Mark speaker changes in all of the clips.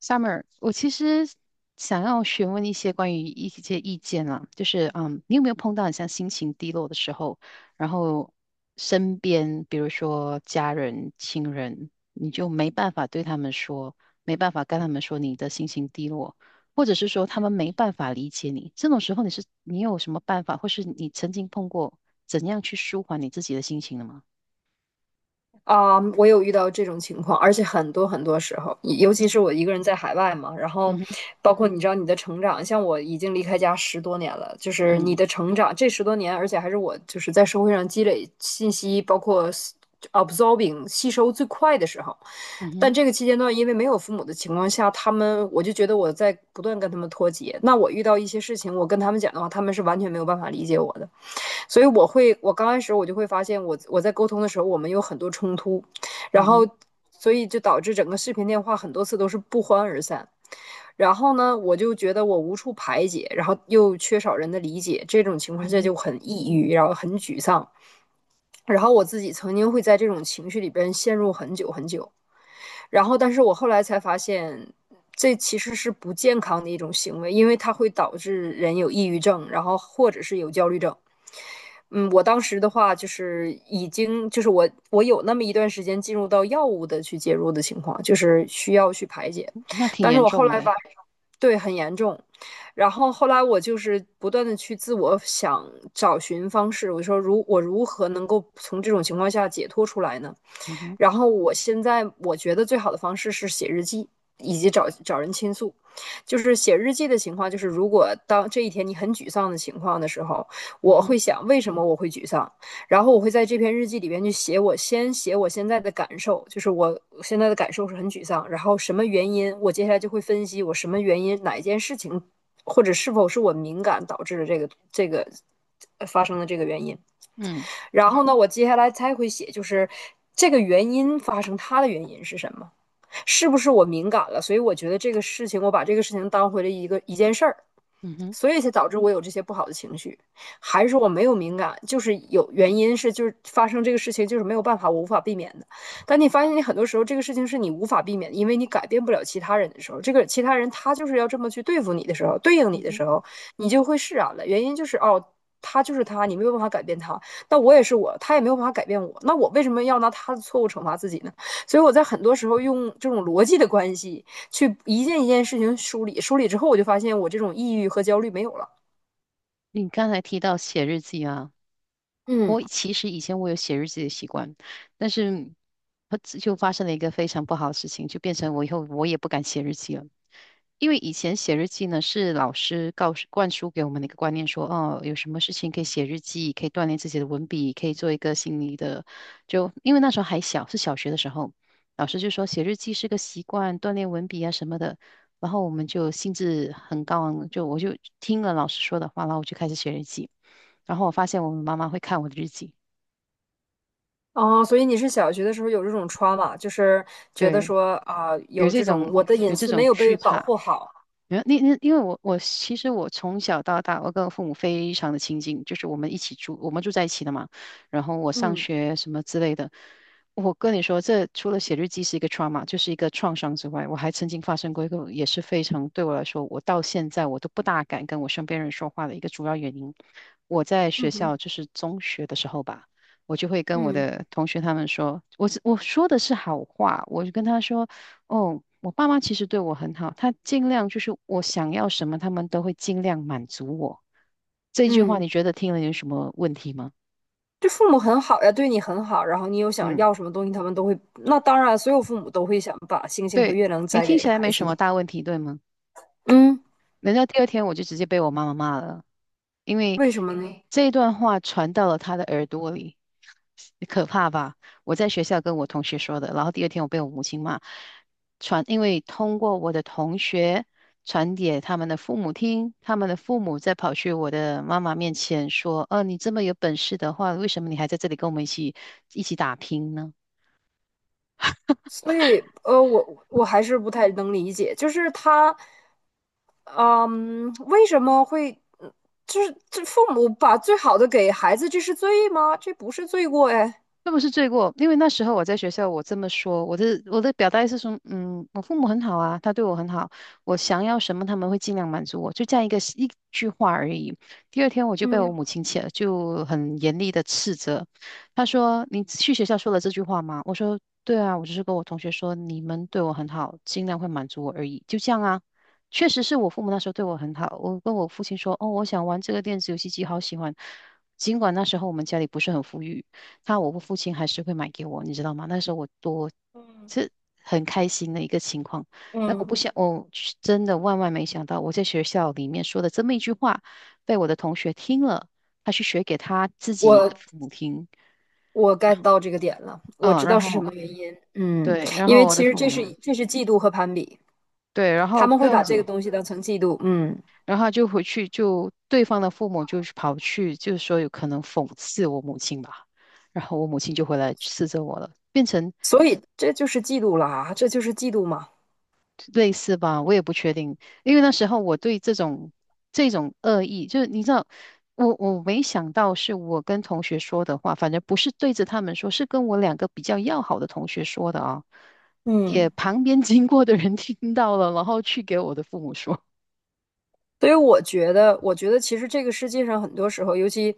Speaker 1: Summer，我其实想要询问一些关于一些意见啦，就是你有没有碰到很像心情低落的时候，然后身边比如说家人、亲人，你就没办法对他们说，没办法跟他们说你的心情低落，或者是说他们没办法理解你，这种时候你有什么办法，或是你曾经碰过怎样去舒缓你自己的心情的吗？
Speaker 2: 啊，我有遇到这种情况，而且很多很多时候，尤其是我一个人在海外嘛。然后
Speaker 1: 嗯哼，
Speaker 2: 包括你知道你的成长，像我已经离开家十多年了，就是
Speaker 1: 嗯
Speaker 2: 你
Speaker 1: 哼
Speaker 2: 的成长这十多年，而且还是我就是在社会上积累信息，包括absorbing 吸收最快的时候。
Speaker 1: 嗯
Speaker 2: 但
Speaker 1: 哼，
Speaker 2: 这个期间段，因为没有父母的情况下，我就觉得我在不断跟他们脱节。那我遇到一些事情，我跟他们讲的话，他们是完全没有办法理解我的。所以我刚开始我就会发现我在沟通的时候，我们有很多冲突，然
Speaker 1: 嗯
Speaker 2: 后
Speaker 1: 哼，
Speaker 2: 所以就导致整个视频电话很多次都是不欢而散。然后呢，我就觉得我无处排解，然后又缺少人的理解，这种情
Speaker 1: 嗯
Speaker 2: 况下
Speaker 1: 哼，
Speaker 2: 就很抑郁，然后很沮丧。然后我自己曾经会在这种情绪里边陷入很久很久。但是我后来才发现，这其实是不健康的一种行为，因为它会导致人有抑郁症，然后或者是有焦虑症。我当时的话就是已经就是我有那么一段时间进入到药物的去介入的情况，就是需要去排解。
Speaker 1: 那挺
Speaker 2: 但是
Speaker 1: 严
Speaker 2: 我后
Speaker 1: 重的
Speaker 2: 来把
Speaker 1: 欸，
Speaker 2: 对，很严重。然后后来我就是不断的去自我想找寻方式，我说我如何能够从这种情况下解脱出来呢？
Speaker 1: 嗯哼。
Speaker 2: 然后我现在我觉得最好的方式是写日记，以及找找人倾诉。就是写日记的情况，就是如果当这一天你很沮丧的情况的时候，
Speaker 1: 嗯
Speaker 2: 我
Speaker 1: 哼
Speaker 2: 会想为什么我会沮丧。然后我会在这篇日记里边去写，我先写我现在的感受，就是我现在的感受是很沮丧，然后什么原因，我接下来就会分析我什么原因，哪一件事情，或者是否是我敏感导致的这个发生的这个原因。
Speaker 1: 嗯
Speaker 2: 然后呢，我接下来才会写，就是这个原因发生它的原因是什么。是不是我敏感了？所以我觉得这个事情，我把这个事情当回了一件事儿，
Speaker 1: 嗯哼
Speaker 2: 所以才导致我有这些不好的情绪。还是说我没有敏感，就是有原因是就是发生这个事情就是没有办法，我无法避免的。但你发现你很多时候这个事情是你无法避免的，因为你改变不了其他人的时候，这个其他人他就是要这么去对付你的时候，对应
Speaker 1: 嗯
Speaker 2: 你的
Speaker 1: 哼，
Speaker 2: 时候，你就会释然了。原因就是哦，他就是他，你没有办法改变他。那我也是我，他也没有办法改变我。那我为什么要拿他的错误惩罚自己呢？所以我在很多时候用这种逻辑的关系去一件一件事情梳理，梳理之后我就发现我这种抑郁和焦虑没有了。
Speaker 1: 你刚才提到写日记啊，
Speaker 2: 嗯，
Speaker 1: 我其实以前我有写日记的习惯，但是就发生了一个非常不好的事情，就变成我以后我也不敢写日记了。因为以前写日记呢，是老师告诉灌输给我们的一个观念说，哦，有什么事情可以写日记，可以锻炼自己的文笔，可以做一个心理的。就因为那时候还小，是小学的时候，老师就说写日记是个习惯，锻炼文笔啊什么的。然后我们就兴致很高昂，就我就听了老师说的话，然后我就开始写日记。然后我发现我妈妈会看我的日记，
Speaker 2: 哦，所以你是小学的时候有这种 trauma，就是觉得
Speaker 1: 对，
Speaker 2: 说啊、
Speaker 1: 有
Speaker 2: 有这
Speaker 1: 这
Speaker 2: 种
Speaker 1: 种
Speaker 2: 我的隐私没有被
Speaker 1: 惧
Speaker 2: 保
Speaker 1: 怕，
Speaker 2: 护好。
Speaker 1: 没有，那因为我其实我从小到大，我跟我父母非常的亲近，就是我们一起住，我们住在一起的嘛。然后我上
Speaker 2: 嗯
Speaker 1: 学什么之类的，我跟你说，这除了写日记是一个 trauma，就是一个创伤之外，我还曾经发生过一个也是非常对我来说，我到现在我都不大敢跟我身边人说话的一个主要原因。我在
Speaker 2: 嗯
Speaker 1: 学
Speaker 2: 哼。
Speaker 1: 校就是中学的时候吧。我就会跟我
Speaker 2: 嗯
Speaker 1: 的同学他们说，我说的是好话，我就跟他说，哦，我爸妈其实对我很好，他尽量就是我想要什么，他们都会尽量满足我。这句话
Speaker 2: 嗯。
Speaker 1: 你觉得听了有什么问题吗？
Speaker 2: 这父母很好呀，对你很好，然后你有想
Speaker 1: 嗯，
Speaker 2: 要什么东西，他们都会。那当然，所有父母都会想把星星和
Speaker 1: 对，
Speaker 2: 月亮
Speaker 1: 你
Speaker 2: 摘
Speaker 1: 听
Speaker 2: 给
Speaker 1: 起来没
Speaker 2: 孩子
Speaker 1: 什么
Speaker 2: 嘛。
Speaker 1: 大问题，对吗？
Speaker 2: 嗯，
Speaker 1: 难道第二天我就直接被我妈妈骂了？因为
Speaker 2: 为什么呢？
Speaker 1: 这段话传到了他的耳朵里，可怕吧？我在学校跟我同学说的，然后第二天我被我母亲骂，传，因为通过我的同学传给他们的父母听，他们的父母再跑去我的妈妈面前说：你这么有本事的话，为什么你还在这里跟我们一起打拼呢？”
Speaker 2: 所以，我还是不太能理解，就是他，嗯，为什么会，嗯就是这父母把最好的给孩子，这是罪吗？这不是罪过哎。
Speaker 1: 这不是罪过，因为那时候我在学校，我这么说，我的表达意思是说，我父母很好啊，他对我很好，我想要什么他们会尽量满足我，就这样一句话而已。第二天我就被我
Speaker 2: 嗯，
Speaker 1: 母亲气，就很严厉的斥责，她说：“你去学校说了这句话吗？”我说：“对啊，我只是跟我同学说你们对我很好，尽量会满足我而已，就这样啊。”确实是我父母那时候对我很好，我跟我父亲说：“哦，我想玩这个电子游戏机，好喜欢。”尽管那时候我们家里不是很富裕。我父亲还是会买给我，你知道吗？那时候我多是很开心的一个情况。然我不想，我去真的万万没想到，我在学校里面说的这么一句话，被我的同学听了，他去学给他自
Speaker 2: 我
Speaker 1: 己的父母听。
Speaker 2: 我 get 到这个点了，我
Speaker 1: 嗯，
Speaker 2: 知
Speaker 1: 然
Speaker 2: 道是什
Speaker 1: 后
Speaker 2: 么原因。嗯，
Speaker 1: 对，然
Speaker 2: 因
Speaker 1: 后
Speaker 2: 为
Speaker 1: 我的
Speaker 2: 其实
Speaker 1: 父
Speaker 2: 这
Speaker 1: 母
Speaker 2: 是这是嫉妒和攀比，
Speaker 1: 对，然
Speaker 2: 他
Speaker 1: 后
Speaker 2: 们
Speaker 1: 不
Speaker 2: 会
Speaker 1: 用
Speaker 2: 把这个
Speaker 1: 紧，
Speaker 2: 东西当成嫉妒。嗯，
Speaker 1: 然后就回去就对方的父母就跑去，就是说有可能讽刺我母亲吧。然后我母亲就回来斥责我了，变成
Speaker 2: 所以这就是嫉妒了啊，这就是嫉妒嘛。
Speaker 1: 类似吧，我也不确定，因为那时候我对这种恶意，就是你知道，我没想到是我跟同学说的话，反正不是对着他们说，是跟我两个比较要好的同学说的啊，也
Speaker 2: 嗯。
Speaker 1: 旁边经过的人听到了，然后去给我的父母说，
Speaker 2: 所以我觉得其实这个世界上很多时候，尤其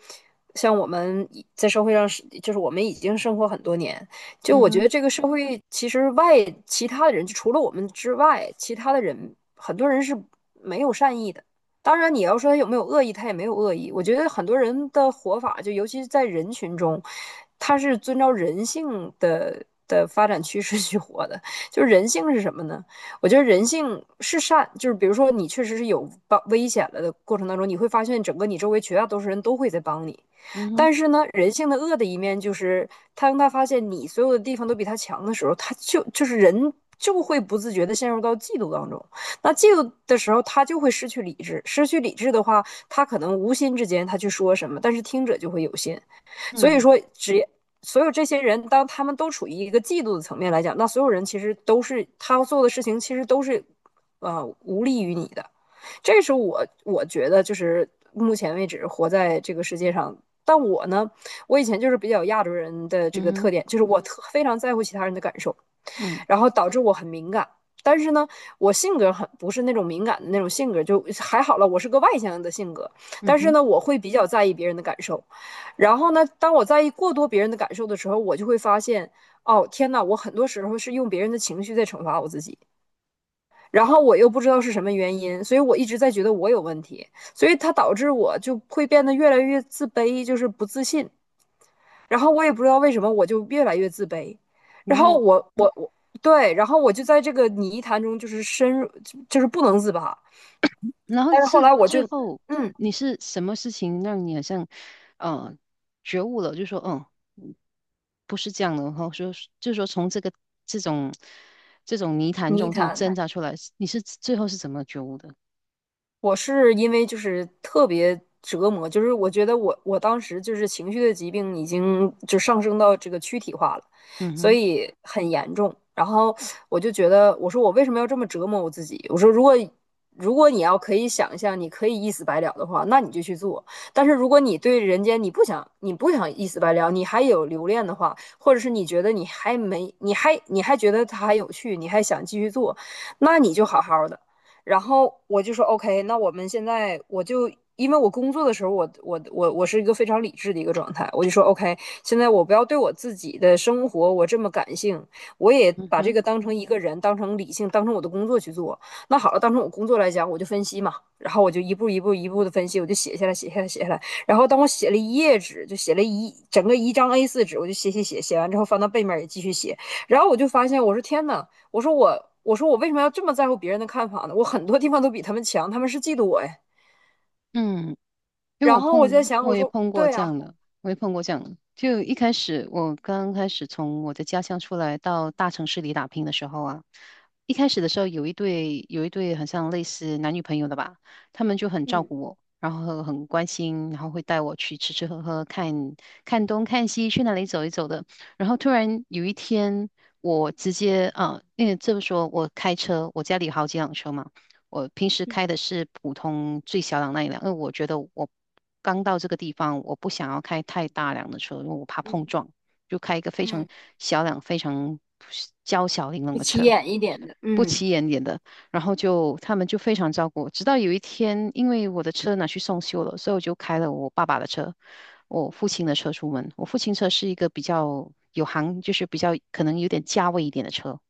Speaker 2: 像我们已在社会上是，就是我们已经生活很多年。就
Speaker 1: 嗯
Speaker 2: 我觉
Speaker 1: 哼，
Speaker 2: 得这个社会其实其他的人，就除了我们之外，其他的人很多人是没有善意的。当然，你要说他有没有恶意，他也没有恶意。我觉得很多人的活法，就尤其是在人群中，他是遵照人性的发展趋势去活的。就人性是什么呢？我觉得人性是善，就是比如说你确实是有帮危险了的过程当中，你会发现整个你周围绝大多数人都会在帮你。
Speaker 1: 嗯哼，
Speaker 2: 但是呢，人性的恶的一面就是，他当他发现你所有的地方都比他强的时候，他就就是人就会不自觉的陷入到嫉妒当中。那嫉妒的时候，他就会失去理智，失去理智的话，他可能无心之间他去说什么，但是听者就会有心。所以
Speaker 1: 嗯
Speaker 2: 说，所有这些人，当他们都处于一个嫉妒的层面来讲，那所有人其实都是他做的事情，其实都是无利于你的。这是我觉得就是目前为止活在这个世界上。但我呢，我以前就是比较亚洲人的这
Speaker 1: 嗯
Speaker 2: 个特
Speaker 1: 哼，
Speaker 2: 点，就是我非常在乎其他人的感受。
Speaker 1: 嗯
Speaker 2: 然后导致我很敏感。但是呢，我性格很不是那种敏感的那种性格，就还好了。我是个外向的性格，
Speaker 1: 嗯
Speaker 2: 但是
Speaker 1: 哼，
Speaker 2: 呢，我会比较在意别人的感受。然后呢，当我在意过多别人的感受的时候，我就会发现，哦，天呐，我很多时候是用别人的情绪在惩罚我自己。然后我又不知道是什么原因，所以我一直在觉得我有问题，所以它导致我就会变得越来越自卑，就是不自信。然后我也不知道为什么，我就越来越自卑。
Speaker 1: 然
Speaker 2: 然后
Speaker 1: 后
Speaker 2: 我我我对，然后我就在这个泥潭中就是深入，就是不能自拔。
Speaker 1: 然后
Speaker 2: 但是后
Speaker 1: 是
Speaker 2: 来我就
Speaker 1: 最后
Speaker 2: 嗯，
Speaker 1: 你是什么事情让你好像呃觉悟了，就说嗯。嗯不是这样的，然后说就说从这种这种泥潭
Speaker 2: 泥
Speaker 1: 中这样
Speaker 2: 潭
Speaker 1: 挣扎出来，你是最后是怎么觉悟的？
Speaker 2: 我是因为就是特别折磨，就是我觉得我当时就是情绪的疾病已经就上升到这个躯体化了，
Speaker 1: 嗯
Speaker 2: 所
Speaker 1: 哼，
Speaker 2: 以很严重。然后我就觉得，我说我为什么要这么折磨我自己？我说如果你要可以想象，你可以一死百了的话，那你就去做。但是如果你对人间你不想一死百了，你还有留恋的话，或者是你觉得你还没你还你还觉得它还有趣，你还想继续做，那你就好好的。然后我就说 OK，那我们现在我就因为我工作的时候，我是一个非常理智的一个状态，我就说 OK，现在我不要对我自己的生活我这么感性，我也
Speaker 1: 嗯
Speaker 2: 把这
Speaker 1: 哼，
Speaker 2: 个当成一个人，当成理性，当成我的工作去做。那好了，当成我工作来讲，我就分析嘛，然后我就一步一步一步的分析，我就写下来，写下来，写下来。然后当我写了一页纸，就写了一整个一张 A4 纸，我就写写写，写完之后翻到背面也继续写。然后我就发现，我说天呐，我说我，我说我为什么要这么在乎别人的看法呢？我很多地方都比他们强，他们是嫉妒我呀。
Speaker 1: 嗯。因为
Speaker 2: 然后我就在想，
Speaker 1: 我
Speaker 2: 我
Speaker 1: 也
Speaker 2: 说
Speaker 1: 碰过
Speaker 2: 对
Speaker 1: 这
Speaker 2: 呀、
Speaker 1: 样的，我也碰过这样的。就一开始，我刚开始从我的家乡出来到大城市里打拼的时候啊，一开始的时候有一对很像类似男女朋友的吧，他们就很照顾我，然后很关心，然后会带我去吃吃喝喝，看东看西，去哪里走一走的。然后突然有一天，我直接啊，因为这么说，我开车，我家里有好几辆车嘛。我平时开的是普通最小档那一辆，因为我觉得我刚到这个地方，我不想要开太大辆的车，因为我怕碰撞，就开一个非常小辆、非常娇小玲珑
Speaker 2: 不
Speaker 1: 的
Speaker 2: 起
Speaker 1: 车，
Speaker 2: 眼一点的，
Speaker 1: 不
Speaker 2: 嗯
Speaker 1: 起眼点的。然后就他们就非常照顾我，直到有一天，因为我的车拿去送修了，所以我就开了我爸爸的车，我父亲的车出门。我父亲车是一个比较有行，就是比较可能有点价位一点的车。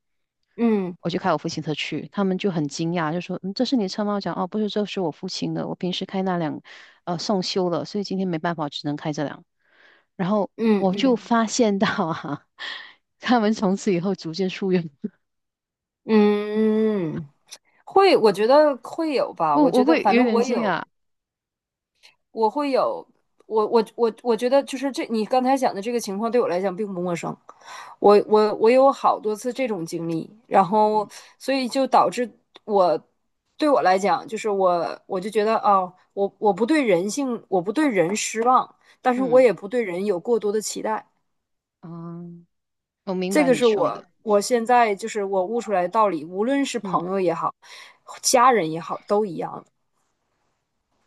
Speaker 2: 嗯
Speaker 1: 我就开我父亲车去，他们就很惊讶，就说：“嗯，这是你的车吗？”我讲：“哦，不是，这是我父亲的，我平时开那辆，送修了，所以今天没办法，只能开这辆。”然后
Speaker 2: 嗯
Speaker 1: 我就
Speaker 2: 嗯
Speaker 1: 发现到啊，他们从此以后逐渐疏远
Speaker 2: 嗯，会，我觉得会有吧。
Speaker 1: 我，
Speaker 2: 我
Speaker 1: 我
Speaker 2: 觉得，
Speaker 1: 会
Speaker 2: 反
Speaker 1: 有
Speaker 2: 正
Speaker 1: 点
Speaker 2: 我
Speaker 1: 惊
Speaker 2: 有，
Speaker 1: 讶。
Speaker 2: 我会有，我觉得就是这你刚才讲的这个情况对我来讲并不陌生，我有好多次这种经历，然后
Speaker 1: 嗯
Speaker 2: 所以就导致我对我来讲就是我就觉得哦，我不对人性，我不对人失望，但是我
Speaker 1: 嗯
Speaker 2: 也不对人有过多的期待。
Speaker 1: 嗯，我明
Speaker 2: 这
Speaker 1: 白
Speaker 2: 个
Speaker 1: 你
Speaker 2: 是
Speaker 1: 说
Speaker 2: 我
Speaker 1: 的，
Speaker 2: 我现在就是我悟出来的道理，无论是
Speaker 1: 嗯。
Speaker 2: 朋友也好，家人也好，都一样。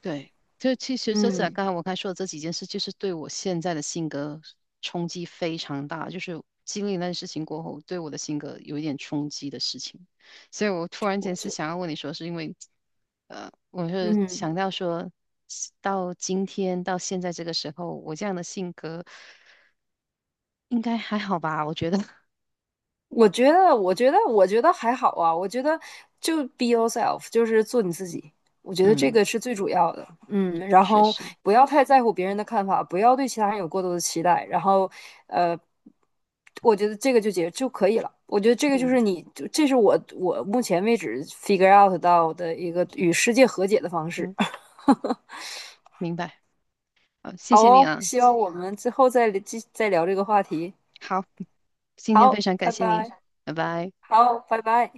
Speaker 1: 对，就其实这在
Speaker 2: 嗯，
Speaker 1: 刚才我刚才说的这几件事，就是对我现在的性格冲击非常大。就是经历那件事情过后，对我的性格有一点冲击的事情，所以我突然
Speaker 2: 我
Speaker 1: 间是
Speaker 2: 觉
Speaker 1: 想要问你说，是因为，我是
Speaker 2: 嗯。
Speaker 1: 想到说，到今天到现在这个时候，我这样的性格应该还好吧？我觉得，
Speaker 2: 我觉得还好啊。我觉得就 be yourself，就是做你自己。我觉得这
Speaker 1: 嗯，
Speaker 2: 个是最主要的。嗯，然
Speaker 1: 确
Speaker 2: 后
Speaker 1: 实，
Speaker 2: 不要太在乎别人的看法，不要对其他人有过多的期待。然后，呃，我觉得这个就可以了。我觉得这个就
Speaker 1: 嗯
Speaker 2: 是你，就这是我目前为止 figure out 到的一个与世界和解的方式。
Speaker 1: 嗯，明白。好，谢
Speaker 2: 好
Speaker 1: 谢你
Speaker 2: 哦，
Speaker 1: 啊。
Speaker 2: 希望我们之后再聊这个话题。
Speaker 1: 好，今天非
Speaker 2: 好，
Speaker 1: 常感
Speaker 2: 拜
Speaker 1: 谢你，
Speaker 2: 拜。
Speaker 1: 拜拜。
Speaker 2: 好，拜拜。